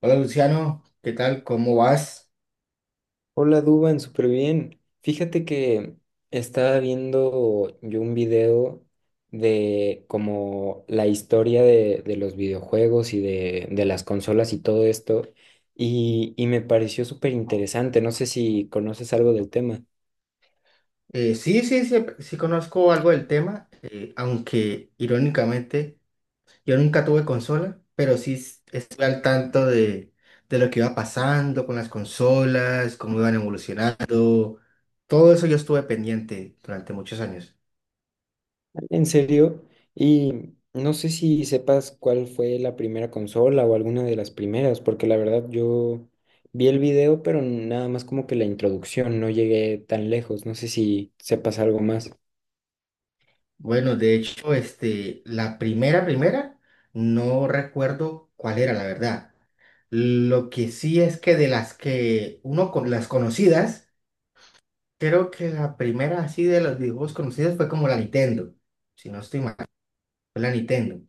Hola Luciano, ¿qué tal? ¿Cómo vas? Hola Duban, súper bien. Fíjate que estaba viendo yo un video de como la historia de los videojuegos y de las consolas y todo esto y me pareció súper interesante. No sé si conoces algo del tema. Sí, sí, sí, sí conozco algo del tema, aunque irónicamente yo nunca tuve consola, pero sí estoy al tanto de lo que iba pasando con las consolas, cómo iban evolucionando. Todo eso yo estuve pendiente durante muchos años. En serio, y no sé si sepas cuál fue la primera consola o alguna de las primeras, porque la verdad yo vi el video, pero nada más como que la introducción, no llegué tan lejos, no sé si sepas algo más. Bueno, de hecho, este, la primera, primera, no recuerdo cuál era, la verdad. Lo que sí es que de las que uno con las conocidas, creo que la primera así de los videojuegos conocidos fue como la Nintendo, si no estoy mal, fue la Nintendo.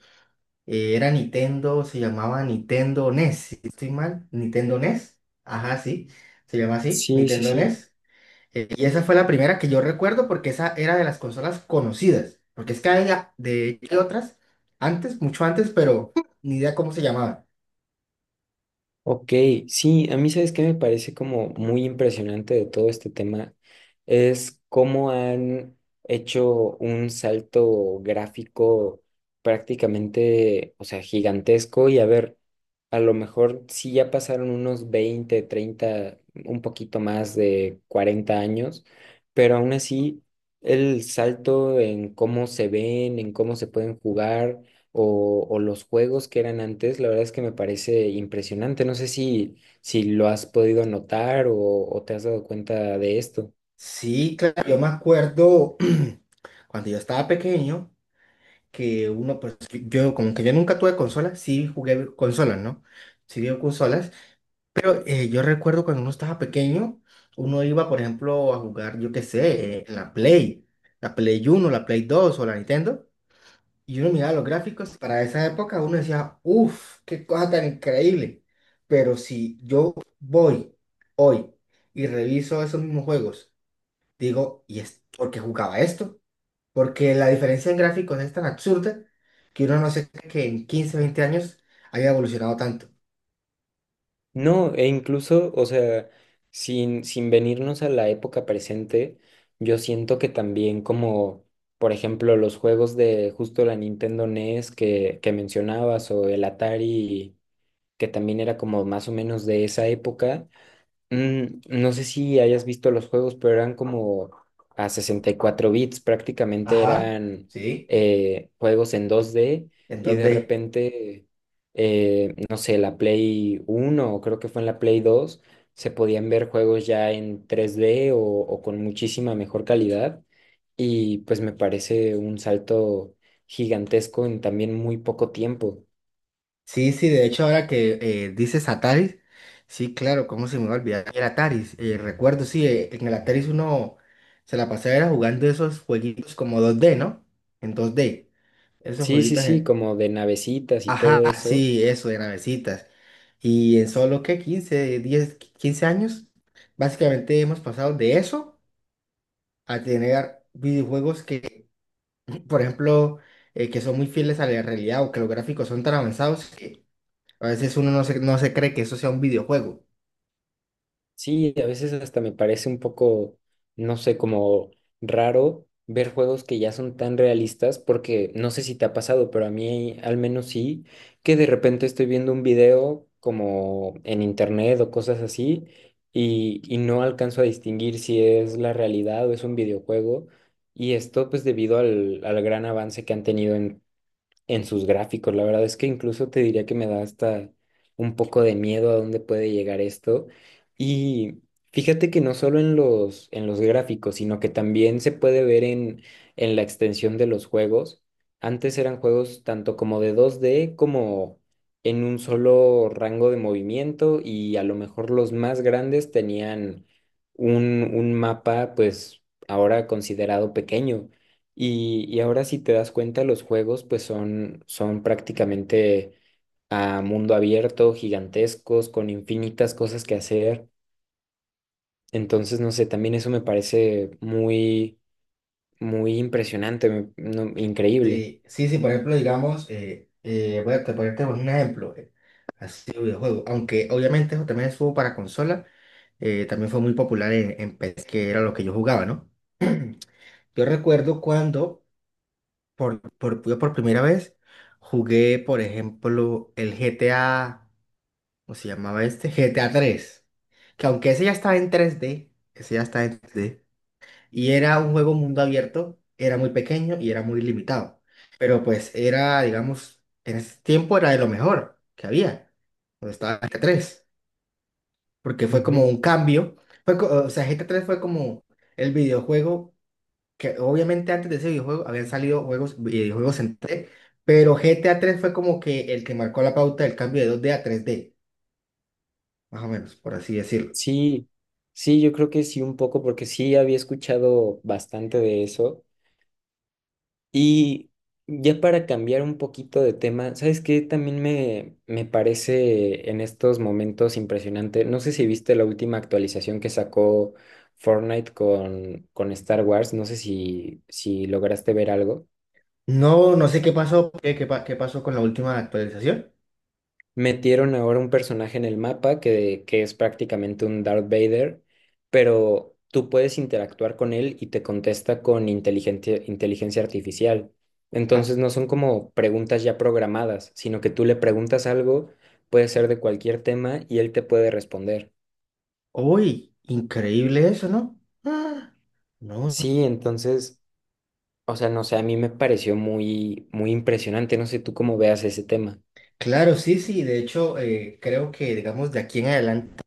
Era Nintendo, se llamaba Nintendo NES, si no estoy mal, Nintendo NES, ajá, sí, se llama así, Sí, sí, Nintendo sí. NES. Y esa fue la primera que yo recuerdo porque esa era de las consolas conocidas, porque es que había de hay otras antes, mucho antes, pero ni idea cómo se llamaba. Ok, sí, a mí sabes qué me parece como muy impresionante de todo este tema es cómo han hecho un salto gráfico prácticamente, o sea, gigantesco y a ver, a lo mejor sí ya pasaron unos 20, 30, un poquito más de 40 años, pero aún así el salto en cómo se ven, en cómo se pueden jugar o los juegos que eran antes, la verdad es que me parece impresionante. No sé si lo has podido notar o te has dado cuenta de esto. Sí, claro, yo me acuerdo, cuando yo estaba pequeño, que uno, pues yo como que yo nunca tuve consolas, sí jugué consolas, ¿no? Sí dio consolas, pero yo recuerdo cuando uno estaba pequeño, uno iba, por ejemplo, a jugar, yo qué sé, en la Play, la Play 1, la Play 2 o la Nintendo, y uno miraba los gráficos. Para esa época uno decía, uff, qué cosa tan increíble, pero si yo voy hoy y reviso esos mismos juegos, digo, ¿y es por qué jugaba esto? Porque la diferencia en gráficos es tan absurda que uno no se cree que en 15, 20 años haya evolucionado tanto. No, e incluso, o sea, sin venirnos a la época presente, yo siento que también como, por ejemplo, los juegos de justo la Nintendo NES que mencionabas o el Atari, que también era como más o menos de esa época. No sé si hayas visto los juegos, pero eran como a 64 bits, prácticamente Ajá, eran sí. Juegos en dos d y de Entonces, repente, no sé, la Play uno o creo que fue en la Play dos se podían ver juegos ya en tres d o con muchísima mejor calidad y pues me parece un salto gigantesco en también muy poco tiempo. sí, sí, de hecho ahora que dices Ataris, sí, claro, cómo se me va a olvidar el Ataris. Recuerdo, sí, en el Ataris uno se la pasaba era jugando esos jueguitos como 2D, ¿no? En 2D, esos Sí, sí, jueguitos, sí, como de navecitas y todo ajá, eso. sí, eso, de navecitas. Y en solo, ¿qué? 15, 10, 15 años básicamente hemos pasado de eso a tener videojuegos que, por ejemplo, que son muy fieles a la realidad, o que los gráficos son tan avanzados que a veces uno no se cree que eso sea un videojuego. Sí, a veces hasta me parece un poco, no sé, como raro ver juegos que ya son tan realistas, porque no sé si te ha pasado, pero a mí al menos sí, que de repente estoy viendo un video como en internet o cosas así, y no alcanzo a distinguir si es la realidad o es un videojuego, y esto pues debido al gran avance que han tenido en sus gráficos. La verdad es que incluso te diría que me da hasta un poco de miedo a dónde puede llegar esto. Y fíjate que no solo en en los gráficos, sino que también se puede ver en la extensión de los juegos. Antes eran juegos tanto como de dos d como en un solo rango de movimiento y a lo mejor los más grandes tenían un mapa pues ahora considerado pequeño. Y ahora si te das cuenta, los juegos pues son prácticamente a mundo abierto, gigantescos, con infinitas cosas que hacer. Entonces, no sé, también eso me parece muy, muy impresionante, no, increíble. Sí, sí, sí, por ejemplo, digamos, voy a ponerte un ejemplo, así de videojuego, aunque obviamente eso también estuvo para consola, también fue muy popular en PC, que era lo que yo jugaba, ¿no? Yo recuerdo cuando, yo por primera vez, jugué, por ejemplo, el GTA. ¿Cómo se llamaba este? GTA 3. Que aunque ese ya estaba en 3D, ese ya estaba en 3D, y era un juego mundo abierto, era muy pequeño y era muy limitado. Pero pues era, digamos, en ese tiempo era de lo mejor que había, cuando estaba GTA 3. Porque fue como Ujú. un cambio. Fue, o sea, GTA 3 fue como el videojuego, que obviamente antes de ese videojuego habían salido juegos, videojuegos en 3D, pero GTA 3 fue como que el que marcó la pauta del cambio de 2D a 3D, más o menos, por así decirlo. Sí, sí, yo creo que sí un poco, porque sí había escuchado bastante de eso. Y ya para cambiar un poquito de tema, ¿sabes qué? También me parece en estos momentos impresionante. No sé si viste la última actualización que sacó Fortnite con Star Wars. No sé si lograste ver algo. No, no sé qué pasó, qué pasó con la última actualización. Metieron ahora un personaje en el mapa que es prácticamente un Darth Vader, pero tú puedes interactuar con él y te contesta con inteligente inteligencia artificial. Ah, Entonces no son como preguntas ya programadas, sino que tú le preguntas algo, puede ser de cualquier tema y él te puede responder. uy, increíble eso, ¿no? Ah, no, Sí, entonces, o sea, no sé, a mí me pareció muy, muy impresionante. No sé tú cómo veas ese tema. claro, sí, sí, de hecho, creo que, digamos, de aquí en adelante,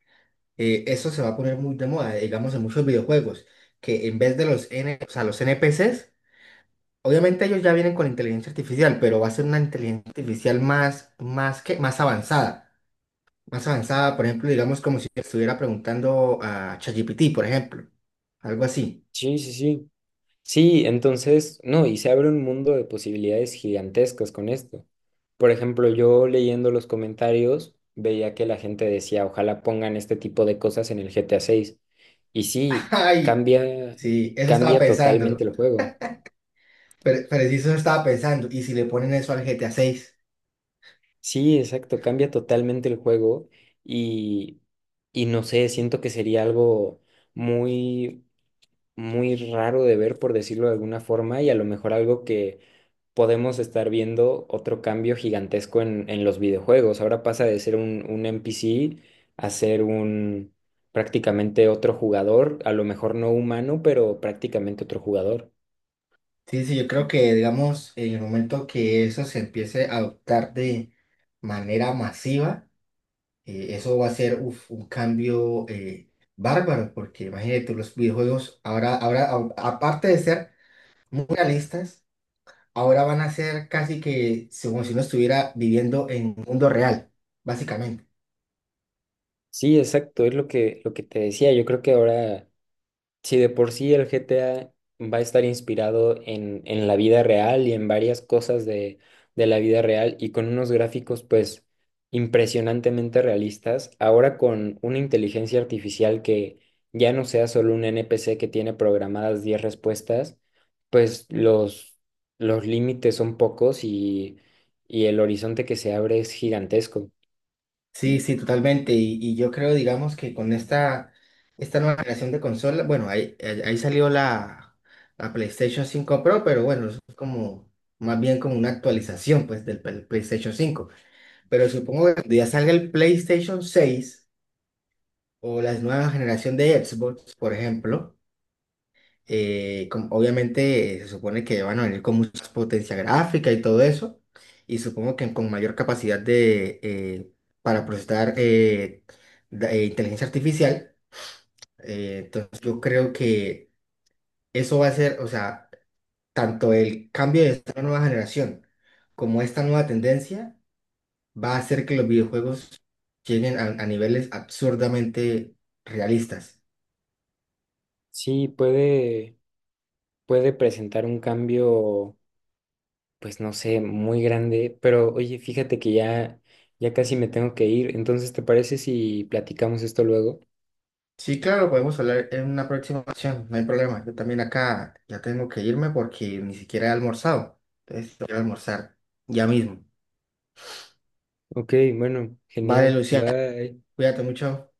eso se va a poner muy de moda, digamos, en muchos videojuegos, que en vez de o sea, los NPCs, obviamente ellos ya vienen con inteligencia artificial, pero va a ser una inteligencia artificial más avanzada, por ejemplo, digamos, como si estuviera preguntando a ChatGPT, por ejemplo, algo así. Sí, sí, sí. Sí, entonces, no, y se abre un mundo de posibilidades gigantescas con esto. Por ejemplo, yo leyendo los comentarios veía que la gente decía, ojalá pongan este tipo de cosas en el GTA 6. Y sí, Ay, cambia, sí, eso estaba cambia pensando. totalmente el juego. Pero sí, eso estaba pensando. Y si le ponen eso al GTA seis. Sí, exacto, cambia totalmente el juego y, y no sé, siento que sería algo muy, muy raro de ver, por decirlo de alguna forma, y a lo mejor algo que podemos estar viendo otro cambio gigantesco en los videojuegos. Ahora pasa de ser un NPC a ser un prácticamente otro jugador, a lo mejor no humano, pero prácticamente otro jugador. Sí, sí, yo creo que, digamos, en el momento que eso se empiece a adoptar de manera masiva, eso va a ser uf, un cambio, bárbaro, porque imagínate, los videojuegos ahora, aparte de ser muy realistas, ahora van a ser casi que como si uno estuviera viviendo en un mundo real, básicamente. Sí, exacto, es lo que te decía. Yo creo que ahora si de por sí el GTA va a estar inspirado en la vida real y en varias cosas de la vida real y con unos gráficos pues impresionantemente realistas, ahora con una inteligencia artificial que ya no sea solo un NPC que tiene programadas 10 respuestas, pues los límites son pocos y el horizonte que se abre es gigantesco. Sí, sí, totalmente. Y yo creo, digamos, que con esta nueva generación de consola, bueno, ahí salió la PlayStation 5 Pro, pero bueno, eso es como más bien como una actualización pues del PlayStation 5. Pero supongo que cuando ya salga el PlayStation 6 o la nueva generación de Xbox, por ejemplo, obviamente, se supone que van a venir con mucha potencia gráfica y todo eso, y supongo que con mayor capacidad para procesar, inteligencia artificial. Entonces yo creo que eso va a ser, o sea, tanto el cambio de esta nueva generación como esta nueva tendencia va a hacer que los videojuegos lleguen a niveles absurdamente realistas. Sí, puede presentar un cambio pues no sé, muy grande, pero oye, fíjate que ya casi me tengo que ir, entonces, ¿te parece si platicamos esto luego? Sí, claro, podemos hablar en una próxima ocasión, no hay problema. Yo también acá ya tengo que irme porque ni siquiera he almorzado. Entonces, quiero almorzar ya mismo. Ok, bueno, Vale, genial, Luciano, bye. cuídate mucho.